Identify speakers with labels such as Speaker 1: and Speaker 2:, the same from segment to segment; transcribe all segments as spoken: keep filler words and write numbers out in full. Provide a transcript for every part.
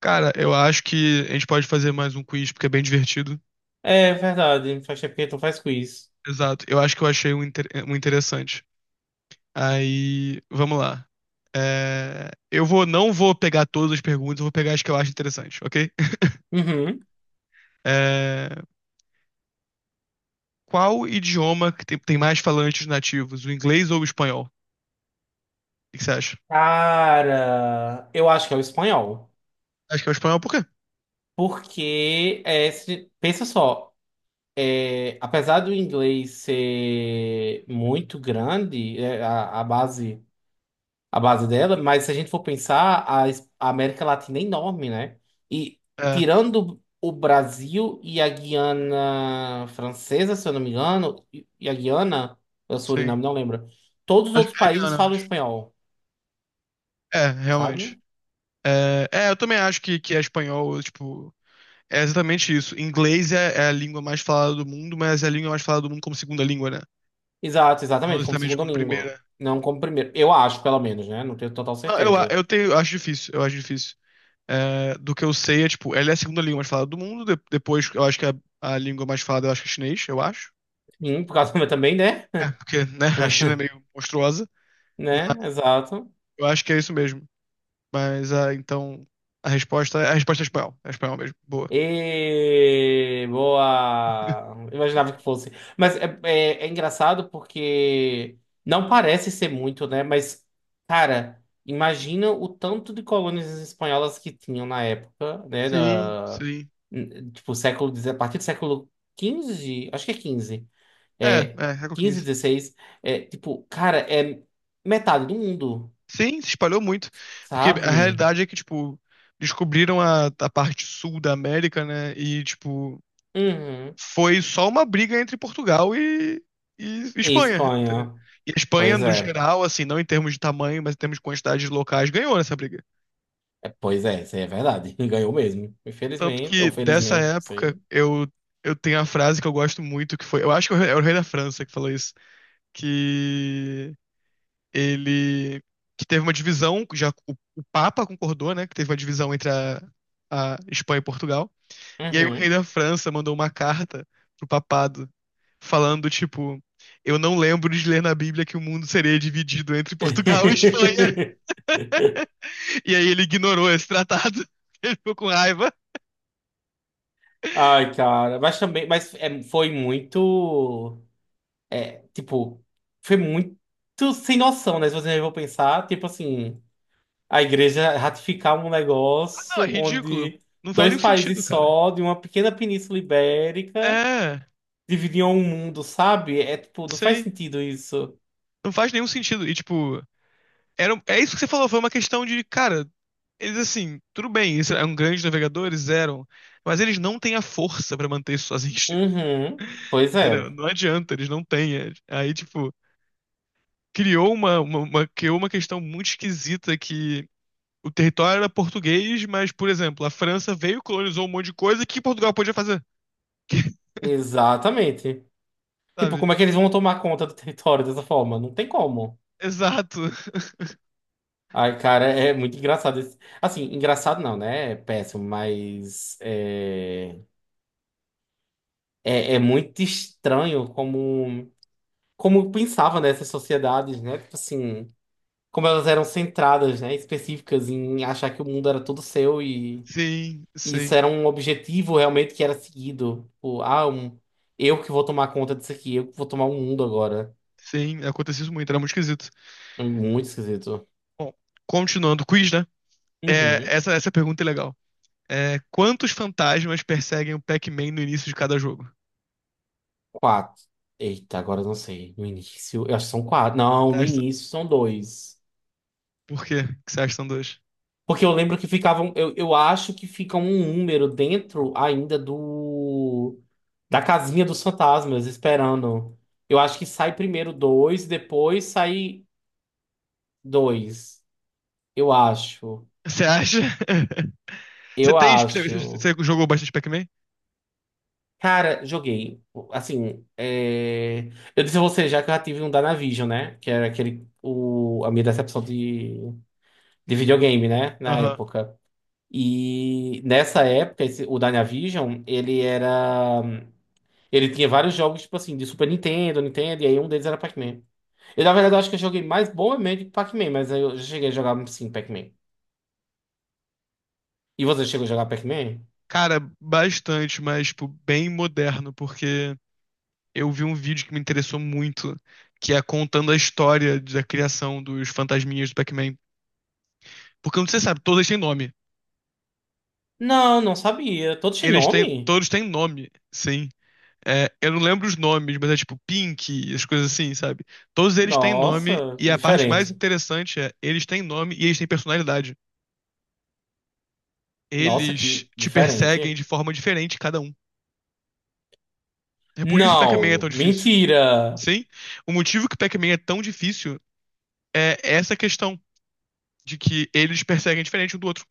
Speaker 1: Cara, eu acho que a gente pode fazer mais um quiz, porque é bem divertido.
Speaker 2: É verdade, faz tempo que tu faz quiz.
Speaker 1: Exato. Eu acho que eu achei um, inter- um interessante. Aí, vamos lá. É, Eu vou, não vou pegar todas as perguntas, eu vou pegar as que eu acho interessante, ok?
Speaker 2: Uhum.
Speaker 1: É, qual idioma que tem, tem mais falantes nativos, o inglês ou o espanhol? O que que você acha?
Speaker 2: Cara, eu acho que é o espanhol.
Speaker 1: Acho que é o espanhol, por quê?
Speaker 2: Porque, é, se- pensa só, é, apesar do inglês ser muito grande, é, a, a base, a base dela, mas se a gente for pensar, a, es- a América Latina é enorme, né? E
Speaker 1: É,
Speaker 2: tirando o Brasil e a Guiana Francesa, se eu não me engano, e e a Guiana, o
Speaker 1: sim.
Speaker 2: Suriname, não lembro, todos os
Speaker 1: Acho
Speaker 2: outros
Speaker 1: que é
Speaker 2: países
Speaker 1: Guiana,
Speaker 2: falam
Speaker 1: acho.
Speaker 2: espanhol.
Speaker 1: É,
Speaker 2: Sabe?
Speaker 1: realmente. É, é, eu também acho que, que é espanhol, tipo. É exatamente isso. Inglês é, é a língua mais falada do mundo, mas é a língua mais falada do mundo como segunda língua, né?
Speaker 2: Exato,
Speaker 1: Não
Speaker 2: exatamente, como
Speaker 1: exatamente
Speaker 2: segunda
Speaker 1: como
Speaker 2: língua,
Speaker 1: primeira.
Speaker 2: não como primeiro. Eu acho, pelo menos, né? Não tenho total
Speaker 1: Ah, Eu, a-
Speaker 2: certeza.
Speaker 1: eu tenho, eu acho difícil, eu acho difícil. É, do que eu sei é, tipo, ela é a segunda língua mais falada do mundo, de- depois eu acho que a, a língua mais falada, eu acho que é chinês, eu acho.
Speaker 2: Sim, por causa também, né?
Speaker 1: É, porque, né, a China é meio monstruosa, mas
Speaker 2: Né? Exato.
Speaker 1: eu acho que é isso mesmo. Mas, ah, então, a resposta, é, a resposta é espanhol, é espanhol mesmo, boa.
Speaker 2: E boa. Imaginava que fosse. Mas é, é, é engraçado porque não parece ser muito, né? Mas, cara, imagina o tanto de colônias espanholas que tinham na época, né?
Speaker 1: Sim,
Speaker 2: Da,
Speaker 1: sim.
Speaker 2: tipo, século, dez, a partir do século quinze, acho que é quinze.
Speaker 1: É,
Speaker 2: É,
Speaker 1: é, século
Speaker 2: quinze,
Speaker 1: quinze.
Speaker 2: dezesseis. É, tipo, cara, é metade do mundo,
Speaker 1: Sim, se espalhou muito. Porque a
Speaker 2: sabe?
Speaker 1: realidade é que, tipo, descobriram a, a parte sul da América, né? E, tipo,
Speaker 2: Uhum.
Speaker 1: foi só uma briga entre Portugal e, e
Speaker 2: E
Speaker 1: Espanha, entendeu?
Speaker 2: Espanha.
Speaker 1: E a Espanha,
Speaker 2: Pois
Speaker 1: no
Speaker 2: é.
Speaker 1: geral, assim, não em termos de tamanho, mas em termos de quantidade de locais, ganhou nessa briga.
Speaker 2: É, pois é, isso aí é verdade. Ganhou mesmo.
Speaker 1: Tanto
Speaker 2: Infelizmente,
Speaker 1: que,
Speaker 2: ou
Speaker 1: dessa
Speaker 2: felizmente, não
Speaker 1: época,
Speaker 2: sei.
Speaker 1: eu, eu tenho a frase que eu gosto muito, que foi... Eu acho que é o rei da França que falou isso. Que... ele que teve uma divisão, já o, o Papa concordou, né, que teve uma divisão entre a, a Espanha e Portugal. E aí o rei
Speaker 2: Uhum.
Speaker 1: da França mandou uma carta pro papado falando tipo, eu não lembro de ler na Bíblia que o mundo seria dividido entre Portugal e Espanha. E aí ele ignorou esse tratado. Ele ficou com raiva.
Speaker 2: Ai, cara. Mas também, mas é, foi muito. Tipo, foi muito sem noção, né? Se você for pensar, tipo assim. A igreja ratificar um
Speaker 1: Não, é
Speaker 2: negócio
Speaker 1: ridículo.
Speaker 2: onde
Speaker 1: Não faz
Speaker 2: dois
Speaker 1: nenhum sentido,
Speaker 2: países
Speaker 1: cara.
Speaker 2: só, de uma pequena península ibérica,
Speaker 1: É,
Speaker 2: dividiam o mundo, sabe? É tipo, não faz
Speaker 1: sei.
Speaker 2: sentido isso.
Speaker 1: Não faz nenhum sentido. E tipo, Era, um, é isso que você falou, foi uma questão de, cara, eles assim, tudo bem, eles eram grandes navegadores, eram, mas eles não têm a força pra manter isso sozinhos,
Speaker 2: Uhum. Pois
Speaker 1: entendeu?
Speaker 2: é,
Speaker 1: Não adianta, eles não têm. é- Aí, tipo, criou uma, uma, uma- criou uma questão muito esquisita que o território era português, mas, por exemplo, a França veio, colonizou um monte de coisa que Portugal podia fazer,
Speaker 2: exatamente. Tipo,
Speaker 1: sabe?
Speaker 2: como é que eles vão tomar conta do território dessa forma? Não tem como.
Speaker 1: Exato.
Speaker 2: Ai, cara, é muito engraçado. esse- Assim, engraçado não, né? É péssimo, mas é, é, é muito estranho como, como pensava nessas sociedades, né? Tipo assim. Como elas eram centradas, né, específicas em achar que o mundo era todo seu e
Speaker 1: Sim,
Speaker 2: e isso
Speaker 1: sim,
Speaker 2: era um objetivo realmente que era seguido. Tipo, ah, um- eu que vou tomar conta disso aqui, eu que vou tomar o mundo agora.
Speaker 1: sim, aconteceu isso muito, era muito esquisito.
Speaker 2: É muito esquisito.
Speaker 1: Bom, continuando o quiz, né? É,
Speaker 2: Uhum.
Speaker 1: essa, essa pergunta é legal. É, quantos fantasmas perseguem o Pac-Man no início de cada jogo?
Speaker 2: Quatro. Eita, agora eu não sei. No início, eu acho que são quatro. Não,
Speaker 1: Você
Speaker 2: no
Speaker 1: acha-
Speaker 2: início são dois.
Speaker 1: Por quê que você acha que são dois?
Speaker 2: Porque eu lembro que ficavam, eu, eu acho que fica um número dentro ainda do da casinha dos fantasmas esperando. Eu acho que sai primeiro dois, depois sai dois. Eu acho.
Speaker 1: Você acha? Você
Speaker 2: Eu
Speaker 1: tem. Você
Speaker 2: acho.
Speaker 1: você jogou bastante Pac-Man?
Speaker 2: Cara, joguei. Assim, é... eu disse a você já que eu já tive um Dynavision, né? Que era aquele, o... a minha decepção de... de videogame, né? Na
Speaker 1: Aham.
Speaker 2: época. E nessa época, esse... o Dynavision, ele era. Ele tinha vários jogos, tipo assim, de Super Nintendo, Nintendo, e aí um deles era Pac-Man. Eu, na verdade, eu acho que eu joguei mais Bomberman do que Pac-Man, mas eu já cheguei a jogar, sim, Pac-Man. E você chegou a jogar Pac-Man?
Speaker 1: Cara, bastante, mas, tipo, bem moderno, porque eu vi um vídeo que me interessou muito, que é contando a história da criação dos fantasminhas do Pac-Man. Porque, como você sabe, todos têm nome.
Speaker 2: Não, não sabia. Todos têm
Speaker 1: Eles têm.
Speaker 2: nome?
Speaker 1: Todos têm nome, sim. É, eu não lembro os nomes, mas é tipo Pink, as coisas assim, sabe? Todos eles têm nome,
Speaker 2: Nossa,
Speaker 1: e
Speaker 2: que
Speaker 1: a parte mais
Speaker 2: diferente.
Speaker 1: interessante é, eles têm nome e eles têm personalidade.
Speaker 2: Nossa,
Speaker 1: Eles
Speaker 2: que
Speaker 1: te perseguem
Speaker 2: diferente.
Speaker 1: de forma diferente, cada um. É por isso que Pac-Man é
Speaker 2: Não,
Speaker 1: tão difícil.
Speaker 2: mentira.
Speaker 1: Sim? O motivo que Pac-Man é tão difícil é essa questão de que eles perseguem diferente um do outro.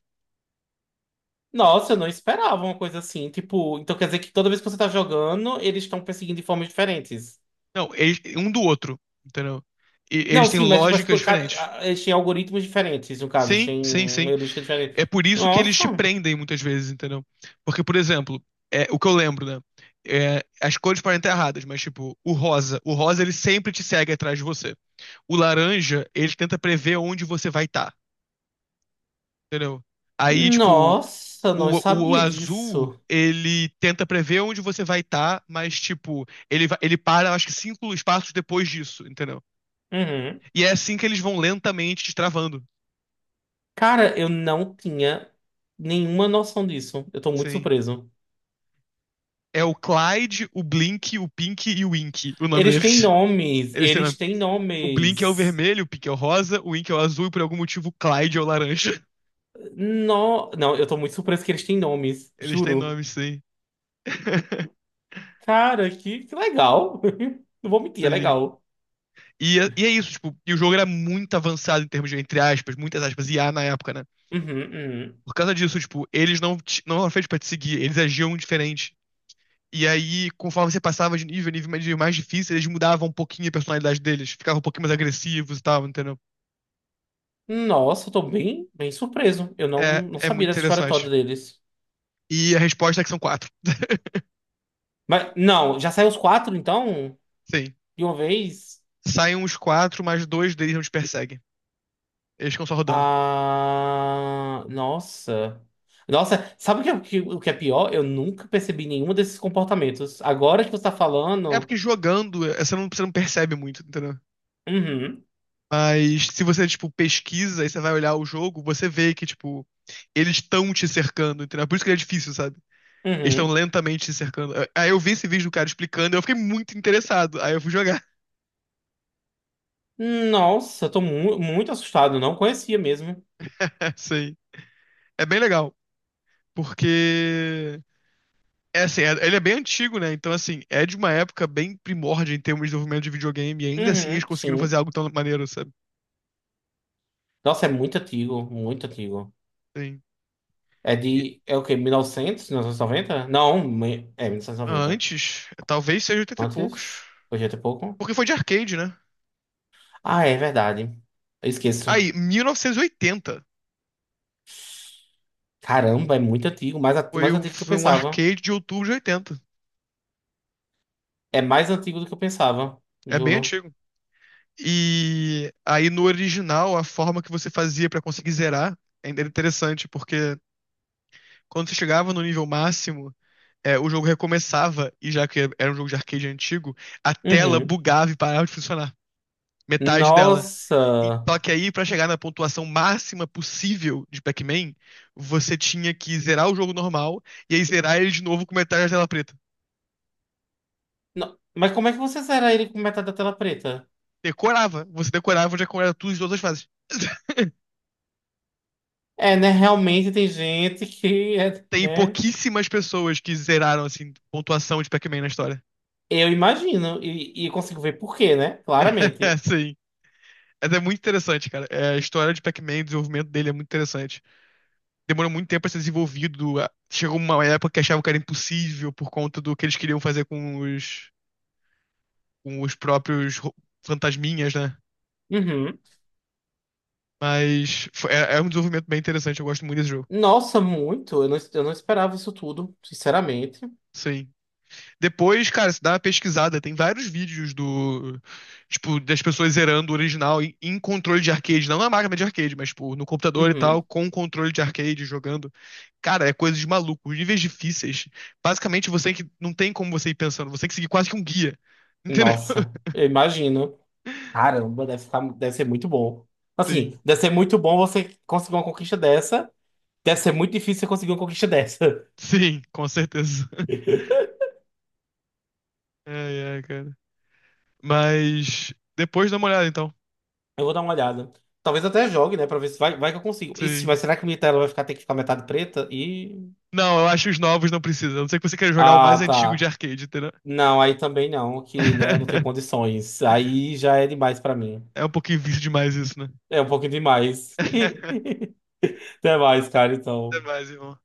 Speaker 2: Nossa, eu não esperava uma coisa assim. Tipo, então quer dizer que toda vez que você tá jogando, eles estão perseguindo de formas diferentes.
Speaker 1: Não, eles, um do outro, entendeu? E
Speaker 2: Não,
Speaker 1: eles têm
Speaker 2: sim, mas tipo, assim,
Speaker 1: lógicas diferentes.
Speaker 2: cada- eles têm algoritmos diferentes, no caso, eles
Speaker 1: Sim, sim,
Speaker 2: têm uma
Speaker 1: sim.
Speaker 2: heurística diferente.
Speaker 1: É por isso que eles te
Speaker 2: Nossa,
Speaker 1: prendem muitas vezes, entendeu? Porque, por exemplo, é, o que eu lembro, né? É, as cores podem estar erradas, mas tipo, o rosa, o rosa ele sempre te segue atrás de você. O laranja, ele tenta prever onde você vai estar, entendeu? Aí, tipo,
Speaker 2: nossa, não
Speaker 1: o, o
Speaker 2: sabia
Speaker 1: azul,
Speaker 2: disso.
Speaker 1: ele tenta prever onde você vai estar, mas tipo, ele, va- ele para, acho que cinco espaços depois disso, entendeu?
Speaker 2: Uhum.
Speaker 1: E é assim que eles vão lentamente te travando.
Speaker 2: Cara, eu não tinha nenhuma noção disso. Eu tô muito
Speaker 1: Sim.
Speaker 2: surpreso.
Speaker 1: É o Clyde, o Blink, o Pink e o Ink, o nome
Speaker 2: Eles têm
Speaker 1: deles.
Speaker 2: nomes,
Speaker 1: Eles têm, né,
Speaker 2: eles têm
Speaker 1: o Blink é o
Speaker 2: nomes.
Speaker 1: vermelho, o Pink é o rosa, o Ink é o azul e por algum motivo o Clyde é o laranja.
Speaker 2: No... Não, eu tô muito surpreso que eles têm nomes,
Speaker 1: Eles têm
Speaker 2: juro.
Speaker 1: nomes, sim.
Speaker 2: Cara, que, que legal. Não vou mentir, é
Speaker 1: Sei.
Speaker 2: legal.
Speaker 1: E, é- e é isso, tipo, e o jogo era muito avançado em termos de, entre aspas, muitas aspas, I a na época, né?
Speaker 2: Uhum, uhum.
Speaker 1: Por causa disso, tipo, eles não, te- não eram feitos pra te seguir, eles agiam diferente. E aí, conforme você passava de nível, nível mais, mais difícil, eles mudavam um pouquinho a personalidade deles, ficavam um pouquinho mais agressivos e tal, entendeu?
Speaker 2: Nossa, eu tô bem, bem surpreso. Eu não,
Speaker 1: É,
Speaker 2: não
Speaker 1: é
Speaker 2: sabia
Speaker 1: muito
Speaker 2: dessa história toda
Speaker 1: interessante.
Speaker 2: deles.
Speaker 1: E a resposta é que são quatro.
Speaker 2: Mas, não, já saiu os quatro, então?
Speaker 1: Sim.
Speaker 2: De uma vez?
Speaker 1: Saem uns quatro, mas dois deles não te perseguem. Eles ficam só rodando.
Speaker 2: Ah, nossa. Nossa, sabe o que, é- que- o que é pior? Eu nunca percebi nenhum desses comportamentos. Agora que você tá
Speaker 1: É
Speaker 2: falando.
Speaker 1: porque jogando, eh, você não, você não percebe muito, entendeu?
Speaker 2: Uhum,
Speaker 1: Mas se você, tipo, pesquisa e você vai olhar o jogo, você vê que, tipo, eles estão te cercando, entendeu? Por isso que ele é difícil, sabe? Eles estão
Speaker 2: uhum.
Speaker 1: lentamente te cercando. Aí eu vi esse vídeo do cara explicando, e eu fiquei muito interessado. Aí eu fui jogar.
Speaker 2: Nossa, eu tô mu- muito assustado. Não conhecia mesmo.
Speaker 1: Assim, é bem legal. Porque. É assim, é- ele é bem antigo, né? Então, assim, é de uma época bem primórdia em termos de desenvolvimento de videogame. E ainda assim eles
Speaker 2: Uhum,
Speaker 1: conseguiram
Speaker 2: sim.
Speaker 1: fazer algo tão maneiro, sabe?
Speaker 2: Nossa, é muito antigo, muito antigo.
Speaker 1: Sim.
Speaker 2: É
Speaker 1: E-
Speaker 2: de. É o quê? Mil e novecentos? Mil novecentos e noventa? Não, me- é mil novecentos e noventa.
Speaker 1: Antes, talvez seja oitenta e
Speaker 2: Antes?
Speaker 1: poucos.
Speaker 2: Hoje é até pouco.
Speaker 1: Porque foi de arcade, né?
Speaker 2: Ah, é verdade. Eu esqueço.
Speaker 1: Aí, mil novecentos e oitenta.
Speaker 2: Caramba, é muito antigo, mais, at-
Speaker 1: Foi,
Speaker 2: mais
Speaker 1: o-
Speaker 2: antigo do que eu
Speaker 1: foi um
Speaker 2: pensava.
Speaker 1: arcade de outubro de oitenta.
Speaker 2: É mais antigo do que eu pensava,
Speaker 1: É bem
Speaker 2: juro.
Speaker 1: antigo. E aí, no original, a forma que você fazia pra conseguir zerar ainda era interessante, porque quando você chegava no nível máximo, é, o jogo recomeçava, e já que era um jogo de arcade antigo, a tela
Speaker 2: Uhum.
Speaker 1: bugava e parava de funcionar. Metade dela. E,
Speaker 2: Nossa!
Speaker 1: só que aí, pra chegar na pontuação máxima possível de Pac-Man, você tinha que zerar o jogo normal e aí zerar ele de novo com metade da tela preta.
Speaker 2: No- Mas como é que você zera ele com metade da tela preta?
Speaker 1: Decorava. Você decorava onde é que era tudo em todas as fases.
Speaker 2: É, né? Realmente tem gente que é,
Speaker 1: Tem
Speaker 2: né?
Speaker 1: pouquíssimas pessoas que zeraram, assim, pontuação de Pac-Man na história.
Speaker 2: Eu imagino e, e consigo ver por quê, né? Claramente.
Speaker 1: Sim. É muito interessante, cara. É, a história de Pac-Man, o desenvolvimento dele é muito interessante. Demorou muito tempo pra ser desenvolvido. Chegou uma época que achavam que era impossível por conta do que eles queriam fazer com os, com os próprios fantasminhas, né?
Speaker 2: Uhum.
Speaker 1: Mas foi- é, é um desenvolvimento bem interessante. Eu gosto muito desse jogo.
Speaker 2: Nossa, muito. Eu não, eu não esperava isso tudo, sinceramente.
Speaker 1: Sim. Depois, cara, você dá uma pesquisada, tem vários vídeos do, tipo, das pessoas zerando o original em, em, controle de arcade, não na máquina de arcade, mas, tipo, no computador e tal,
Speaker 2: Uhum.
Speaker 1: com controle de arcade jogando. Cara, é coisa de maluco. Os níveis difíceis. Basicamente, você que não tem como você ir pensando, você tem que seguir quase que um guia. Entendeu?
Speaker 2: Nossa, eu imagino. Caramba, deve ficar, deve ser muito bom. Assim,
Speaker 1: Sim,
Speaker 2: deve ser muito bom você conseguir uma conquista dessa. Deve ser muito difícil você conseguir uma conquista dessa.
Speaker 1: sim, com certeza. É, é, cara. Mas depois dá uma olhada, então.
Speaker 2: Eu vou dar uma olhada. Talvez até jogue, né? Pra ver se vai, vai que eu consigo. E se,
Speaker 1: Sim.
Speaker 2: Mas será que minha tela vai ficar, ter que ficar metade preta? E.
Speaker 1: Não, eu acho que os novos não precisam. A não ser que você queira jogar o
Speaker 2: Ah,
Speaker 1: mais antigo de
Speaker 2: tá.
Speaker 1: arcade, entendeu?
Speaker 2: Não, aí também não, que, né, eu não tenho condições. Aí já é demais pra mim.
Speaker 1: É um pouquinho vício demais isso, né?
Speaker 2: É um pouquinho demais. Até mais, cara, então.
Speaker 1: Demais, irmão.